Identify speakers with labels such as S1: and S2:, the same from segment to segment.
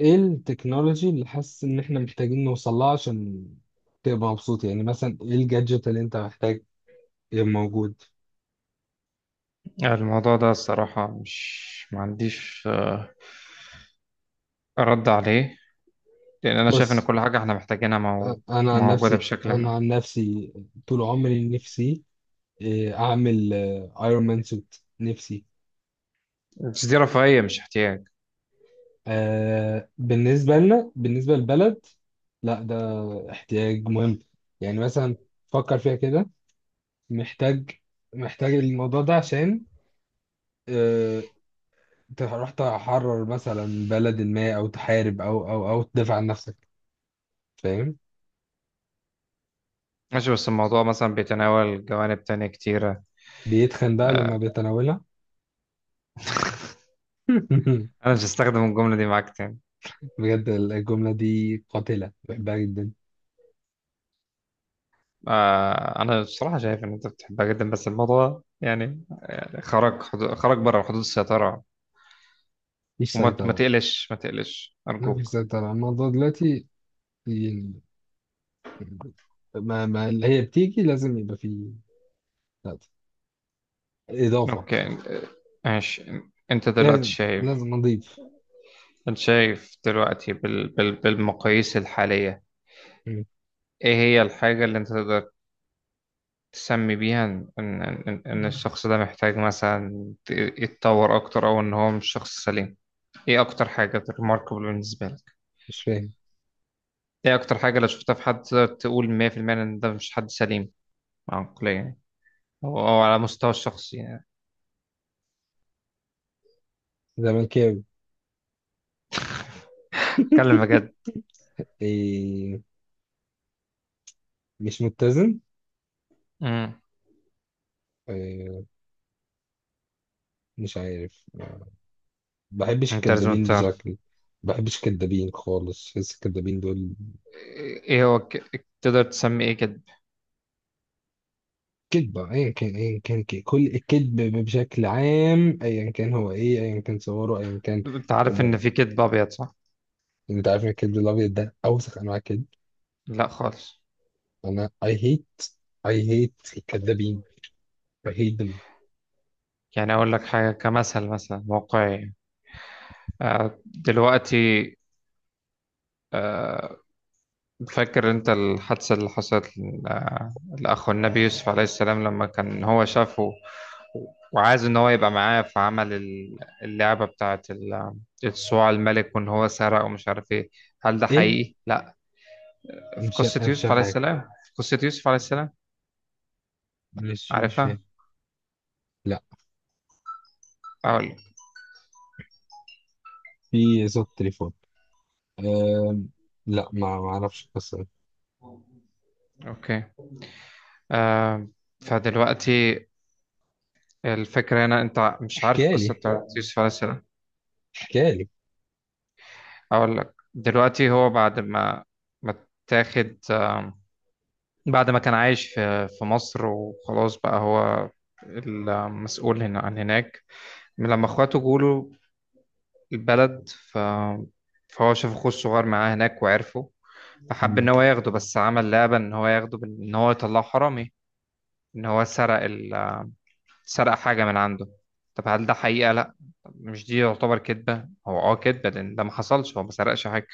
S1: ايه التكنولوجي اللي حاسس ان احنا محتاجين نوصل لها عشان تبقى مبسوط، يعني مثلا ايه الجادجت اللي انت محتاج يبقى موجود؟
S2: الموضوع ده الصراحة مش ما عنديش رد عليه. لأن أنا شايف إن
S1: بص.
S2: كل حاجة إحنا محتاجينها
S1: أ- انا عن
S2: موجودة
S1: نفسي
S2: بشكل
S1: انا
S2: ما.
S1: عن نفسي طول عمري نفسي اعمل ايرون مان سوت. نفسي.
S2: بس دي رفاهية مش احتياج.
S1: آه، بالنسبة لنا، بالنسبة للبلد، لا ده احتياج مهم. يعني مثلا، فكر فيها كده. محتاج محتاج الموضوع ده عشان آه، انت رحت تحرر مثلا بلد ما، او تحارب او تدافع عن نفسك، فاهم؟
S2: ماشي، بس الموضوع مثلا بيتناول جوانب تانية كتيرة.
S1: بيتخن بقى لما
S2: آه،
S1: بيتناولها.
S2: أنا مش هستخدم الجملة دي معاك تاني.
S1: بجد الجملة دي قاتلة، بحبها جدا.
S2: أنا بصراحة شايف إن أنت بتحبها جدا، بس الموضوع يعني خرج بره حدود السيطرة.
S1: مفيش
S2: وما ما
S1: سيطرة.
S2: تقلش ما تقلش
S1: مفيش
S2: أرجوك.
S1: سيطرة الموضوع دلوقتي، يعني ما اللي هي بتيجي لازم يبقى فيه، لا، إضافة.
S2: أوكي، ماشي. أنت دلوقتي
S1: لازم
S2: شايف
S1: لازم نضيف.
S2: انت شايف دلوقتي بالمقاييس الحالية،
S1: مم.
S2: ايه هي الحاجة اللي انت تقدر تسمي بيها ان ان ان إن الشخص ده محتاج مثلا يتطور اكتر او ان هو مش شخص سليم؟ ايه اكتر حاجة ريماركبل بالنسبة لك؟
S1: مش فاهم.
S2: ايه اكتر حاجة لو شفتها في حد تقدر تقول 100% ان ده مش حد سليم عقليا يعني، او على مستوى الشخصي يعني؟
S1: زملكاوي.
S2: اتكلم بجد.
S1: إيه، مش متزن.
S2: امم
S1: إيه، مش عارف. ما بحبش
S2: انت لازم
S1: الكدابين
S2: تعرف.
S1: بشكل. ما بحبش الكدابين خالص، بحس الكدابين دول
S2: ايه هو تقدر تسمي ايه كده؟
S1: كذبة. ايا كان، ايا كان، كل الكذب بشكل عام، ايا كان هو ايه، ايا كان صوره ايا كان.
S2: انت عارف ان
S1: بقى.
S2: في كدب ابيض، صح؟
S1: انت عارف ان الكذب الابيض ده اوسخ انواع الكذب.
S2: لا خالص.
S1: انا I hate الكدابين. I hate them.
S2: يعني أقول لك حاجة كمثل مثلا واقعي. دلوقتي فاكر أنت الحادثة اللي حصلت لأخو النبي يوسف عليه السلام لما كان هو شافه، وعايز إن هو يبقى معاه فعمل اللعبة بتاعة الصواع الملك وإن هو سرق ومش عارف إيه. هل ده
S1: ايه،
S2: حقيقي؟ لأ.
S1: انا مش انا مش فاهم حاجة.
S2: في قصة يوسف عليه السلام.
S1: مش فاهم.
S2: عارفها؟
S1: لا،
S2: أقول لك.
S1: في صوت تليفون. أم... لا، ما اعرفش القصة دي.
S2: أوكي، آه، فدلوقتي الفكرة هنا أنت مش عارف
S1: احكي
S2: القصة
S1: لي،
S2: بتاعة يوسف عليه السلام.
S1: احكي لي.
S2: اقول لك دلوقتي. هو بعد ما اتاخد، بعد ما كان عايش في مصر وخلاص بقى هو المسؤول هنا عن هناك، من لما اخواته جوله البلد فهو شاف اخوه الصغير معاه هناك وعرفه، فحب ان هو ياخده، بس عمل لعبة ان هو ياخده ان هو يطلعه حرامي، ان هو سرق حاجة من عنده. طب هل ده حقيقة؟ لا. مش دي يعتبر كذبة؟ هو كذبة لأن ده ما حصلش، هو ما سرقش حاجة.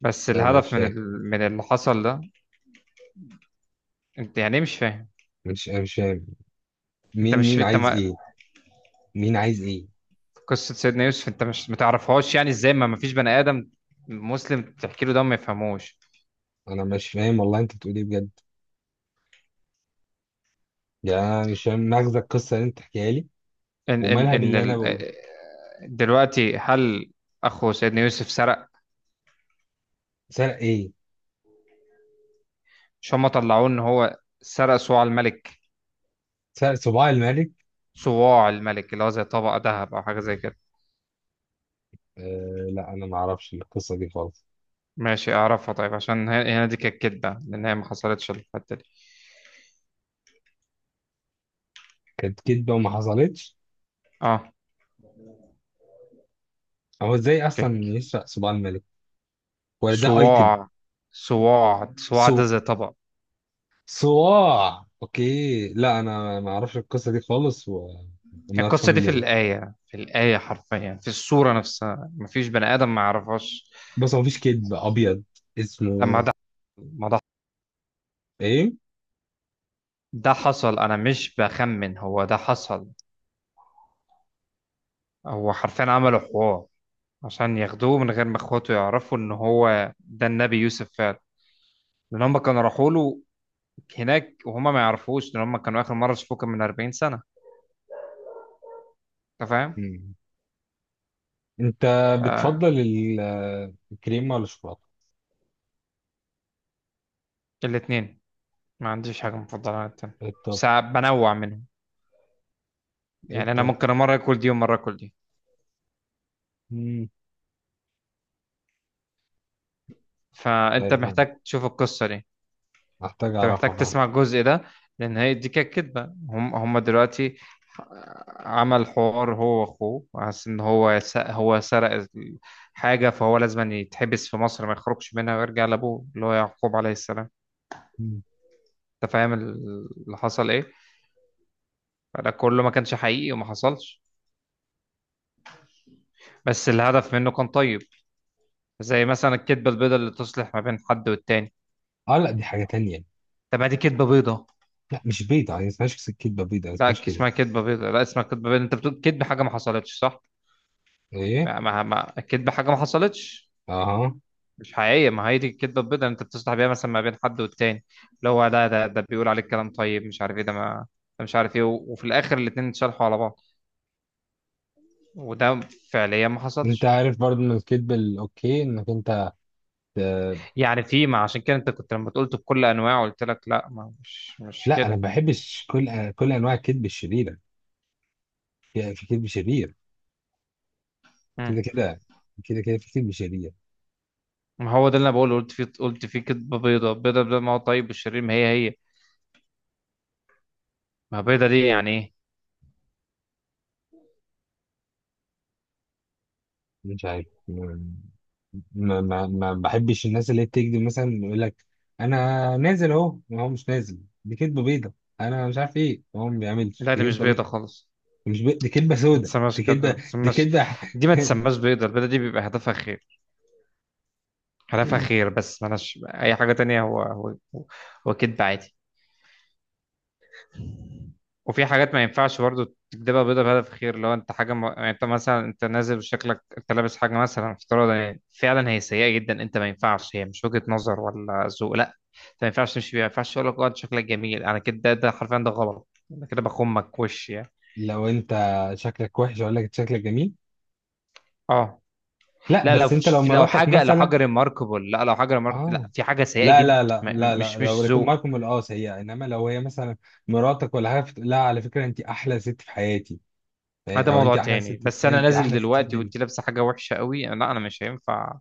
S2: بس
S1: لا، انا مش
S2: الهدف
S1: فاهم.
S2: من اللي حصل ده. انت يعني ايه مش فاهم؟
S1: مش انا مش فاهم. مين مين
S2: انت
S1: عايز
S2: ما...
S1: ايه؟ مين عايز ايه؟
S2: قصة سيدنا يوسف انت مش ما تعرفهاش؟ يعني ازاي ما فيش بني ادم مسلم تحكي له ده ما يفهموش؟
S1: انا مش فاهم، والله انت بتقول ايه بجد؟ يعني انا مش فاهم مغزى القصه اللي انت بتحكيها لي.
S2: ان ان
S1: ومالها
S2: ان
S1: باللي انا
S2: ال...
S1: بقوله؟
S2: إيه، دلوقتي هل اخو سيدنا يوسف سرق؟
S1: سرق ايه؟
S2: مش هم طلعوه ان هو سرق صواع الملك؟
S1: سرق صباع الملك.
S2: صواع الملك اللي هو زي طبق ذهب او حاجة زي كده.
S1: آه، لا انا ما اعرفش القصه دي خالص.
S2: ماشي، اعرفها طيب عشان هنا دي كانت كدبة لان هي ما حصلتش الحتة دي.
S1: كانت كدبه وما حصلتش.
S2: اه،
S1: هو ازاي اصلا
S2: كانت
S1: يسرق صباع الملك؟ ولا ده ايتم؟
S2: صواع صواع صواع ده
S1: سو
S2: زي طبق.
S1: صواع، اوكي. لا انا ما اعرفش القصه دي خالص وما
S2: القصة
S1: اتفهم.
S2: دي في الآية، في الآية حرفيا في السورة نفسها مفيش بني آدم ما يعرفهاش.
S1: بس هو مفيش كدب ابيض
S2: لما
S1: اسمه
S2: ده ما ده
S1: ايه.
S2: ده حصل، أنا مش بخمن، هو ده حصل. هو حرفيا عملوا حوار عشان ياخدوه من غير ما إخواته يعرفوا إن هو ده النبي يوسف فعلا، لأن هم كانوا راحوا له هناك وهما ما يعرفوش لأن هم كانوا آخر مرة شافوه كان من 40 سنة. أنت فاهم؟
S1: انت
S2: آه.
S1: بتفضل الكريمه ولا الشوكولاته؟
S2: الاتنين. ما عنديش حاجة مفضلة عن التاني،
S1: ايه الطب؟
S2: بس بنوع منهم،
S1: ايه
S2: يعني أنا
S1: الطب؟
S2: ممكن مرة آكل دي ومرة آكل دي.
S1: مم، مش
S2: فأنت
S1: عارف. انا
S2: محتاج تشوف القصة دي.
S1: محتاج
S2: انت
S1: اعرفها،
S2: محتاج
S1: فاهم.
S2: تسمع الجزء ده لان هي دي كانت كدبه. هم دلوقتي عمل حوار هو واخوه حاسس ان هو سرق حاجه، فهو لازم يتحبس في مصر، ما يخرجش منها ويرجع لابوه اللي هو يعقوب عليه السلام.
S1: مم.
S2: انت فاهم اللي حصل ايه؟ فده كله ما كانش حقيقي وما حصلش. بس الهدف منه كان طيب، زي مثلا الكدبه البيضاء اللي تصلح ما بين حد والتاني.
S1: اه لا، دي حاجه تانية.
S2: طب ما دي كدبه بيضاء.
S1: لا، مش بيضه، يعني اسمهاش كدبه بيضه، ما اسمهاش
S2: لا،
S1: كده.
S2: اسمها كدبه بيضاء، لا، اسمها كدبه بيضاء. انت بتقول كدب حاجه ما حصلتش، صح؟
S1: ايه؟
S2: الكدبه حاجه ما حصلتش.
S1: اها،
S2: مش حقيقية، ما هي دي الكدبة البيضاء اللي انت بتصلح بيها مثلا ما بين حد والتاني، اللي هو ده بيقول عليك كلام طيب مش عارف ايه، ده مش عارف ايه وفي الاخر الاتنين اتشرحوا على بعض، وده فعليا ما
S1: انت
S2: حصلش.
S1: عارف برضو ان الكدب الاوكي، انك انت ت-
S2: يعني ما عشان كده انت كنت لما قلت بكل انواع قلت لك لا، ما مش
S1: لا. انا ما
S2: كده.
S1: بحبش كل انواع الكدب الشريره. في كدب شرير.
S2: مم.
S1: كده كده، كده كده، في كدب شرير.
S2: ما هو ده اللي انا بقوله، قلت فيه كدبة بيضاء بيضاء بيضاء، ما هو طيب والشرير ما هي. ما بيضاء دي يعني ايه؟
S1: مش عارف. ما بحبش الناس اللي بتكذب. مثلا يقول لك انا نازل اهو، ما هو مش نازل، دي كدبه بيضه. انا مش عارف ايه هو، ما بيعملش،
S2: لا،
S1: دي
S2: دي مش
S1: كدبه بيضه.
S2: بيضاء خالص.
S1: مش بي... دي كدبه
S2: ما
S1: سودا،
S2: تسماش
S1: دي
S2: كده، ما
S1: كدبه، دي
S2: تسماش.
S1: كدبه.
S2: دي ما تسماش بيضاء. البيضاء دي بيبقى هدفها خير، خلافها خير، بس ملهاش اي حاجه تانية، هو كدب عادي. وفي حاجات ما ينفعش برضه تكدبها بيضة بهدف خير. لو انت حاجه يعني انت مثلا انت نازل وشكلك، انت لابس حاجه مثلا افتراضا، يعني فعلا هي سيئه جدا، انت ما ينفعش، هي مش وجهه نظر ولا ذوق، لا. انت ما ينفعش تمشي بيها. ما ينفعش اقول لك اه انت شكلك جميل، انا كده ده حرفيا ده غلط. انا كده بخمك وش يعني.
S1: لو انت شكلك وحش اقول لك شكلك جميل.
S2: اه،
S1: لا
S2: لا،
S1: بس انت، لو مراتك
S2: لو حاجه
S1: مثلا.
S2: ريماركبل، لا، لو حاجه ريماركبل،
S1: اه،
S2: لا، في حاجه سيئه
S1: لا
S2: جدا.
S1: لا لا لا لا، لو
S2: مش ذوق.
S1: ماركم القاس هي، انما لو هي مثلا مراتك ولا حاجه لا، على فكره انت احلى ست في حياتي،
S2: ده
S1: او انت
S2: موضوع
S1: احلى
S2: تاني.
S1: ست،
S2: بس انا
S1: انت
S2: نازل
S1: احلى ست في
S2: دلوقتي
S1: الدنيا.
S2: وانت لابسه حاجه وحشه قوي، لا، انا مش هينفع.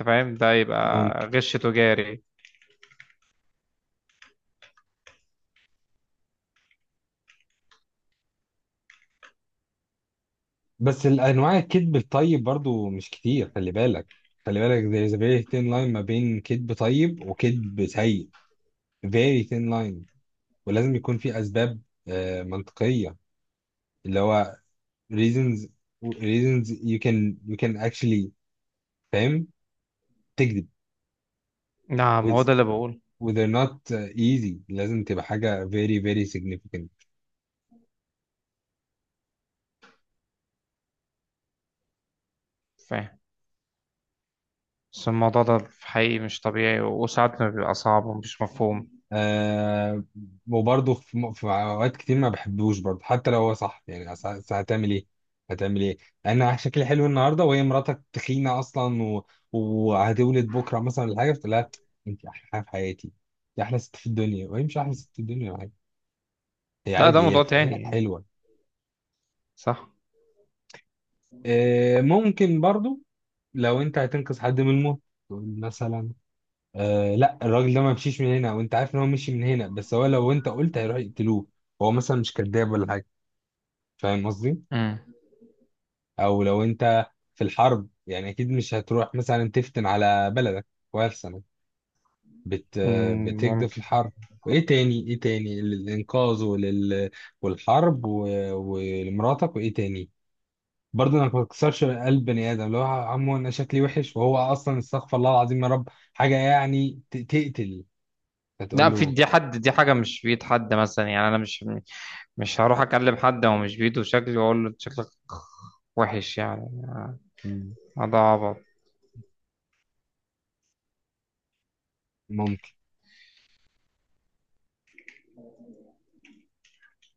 S2: انت فاهم؟ ده يبقى غش تجاري.
S1: بس الانواع الكذب الطيب برضو مش كتير، خلي بالك. خلي بالك، there is a very thin line ما بين كذب طيب وكذب سيء. Very thin line. ولازم يكون في اسباب آه، منطقية، اللي هو reasons reasons، you can actually، فاهم، تكذب.
S2: نعم، هو ده
S1: with,
S2: اللي بقول.
S1: with they're not easy، لازم تبقى حاجة very very significant.
S2: فاهم. بس الموضوع ده في حقيقي مش طبيعي، وساعات ما بيبقى صعب ومش مفهوم.
S1: آه، وبرضه في اوقات كتير ما بحبوش برضه حتى لو هو صح، يعني أصل هتعمل ايه؟ هتعمل ايه؟ انا شكلي حلو النهارده، وهي مراتك تخينه اصلا، و... وهتولد بكره مثلا ولا حاجه، فلا، انت احلى حاجه في حياتي، انت احلى ست في الدنيا، وهي مش احلى ست في الدنيا ولا حاجه، هي
S2: لا، ده
S1: عادي، هي
S2: موضوع
S1: في
S2: تاني
S1: عينك
S2: يعني.
S1: حلوه.
S2: صح.
S1: آه، ممكن برضه. لو انت هتنقذ حد من الموت، تقول مثلا آه لا، الراجل ده ما مشيش من هنا، وانت عارف ان هو مشي من هنا، بس هو لو انت قلت هيروح يقتلوه، هو مثلا مش كذاب ولا حاجه، فاهم قصدي؟
S2: امم
S1: او لو انت في الحرب، يعني اكيد مش هتروح مثلا تفتن على بلدك، وألسنك بت بتكده
S2: ممكن.
S1: في الحرب. وايه تاني؟ ايه تاني؟ الانقاذ، ولل... والحرب و... ولمراتك، وايه تاني؟ برضه انا ما بكسرش قلب بني ادم، اللي هو عمو انا شكلي وحش وهو اصلا، استغفر الله العظيم يا رب، حاجه يعني تقتل، فتقول
S2: لا، في
S1: له
S2: دي حد دي حاجه مش بيد حد مثلا، يعني انا مش هروح اكلم حد هو مش بيده شكلي واقول له أنت شكلك وحش يعني.
S1: "مم،
S2: هذا عبط.
S1: ممكن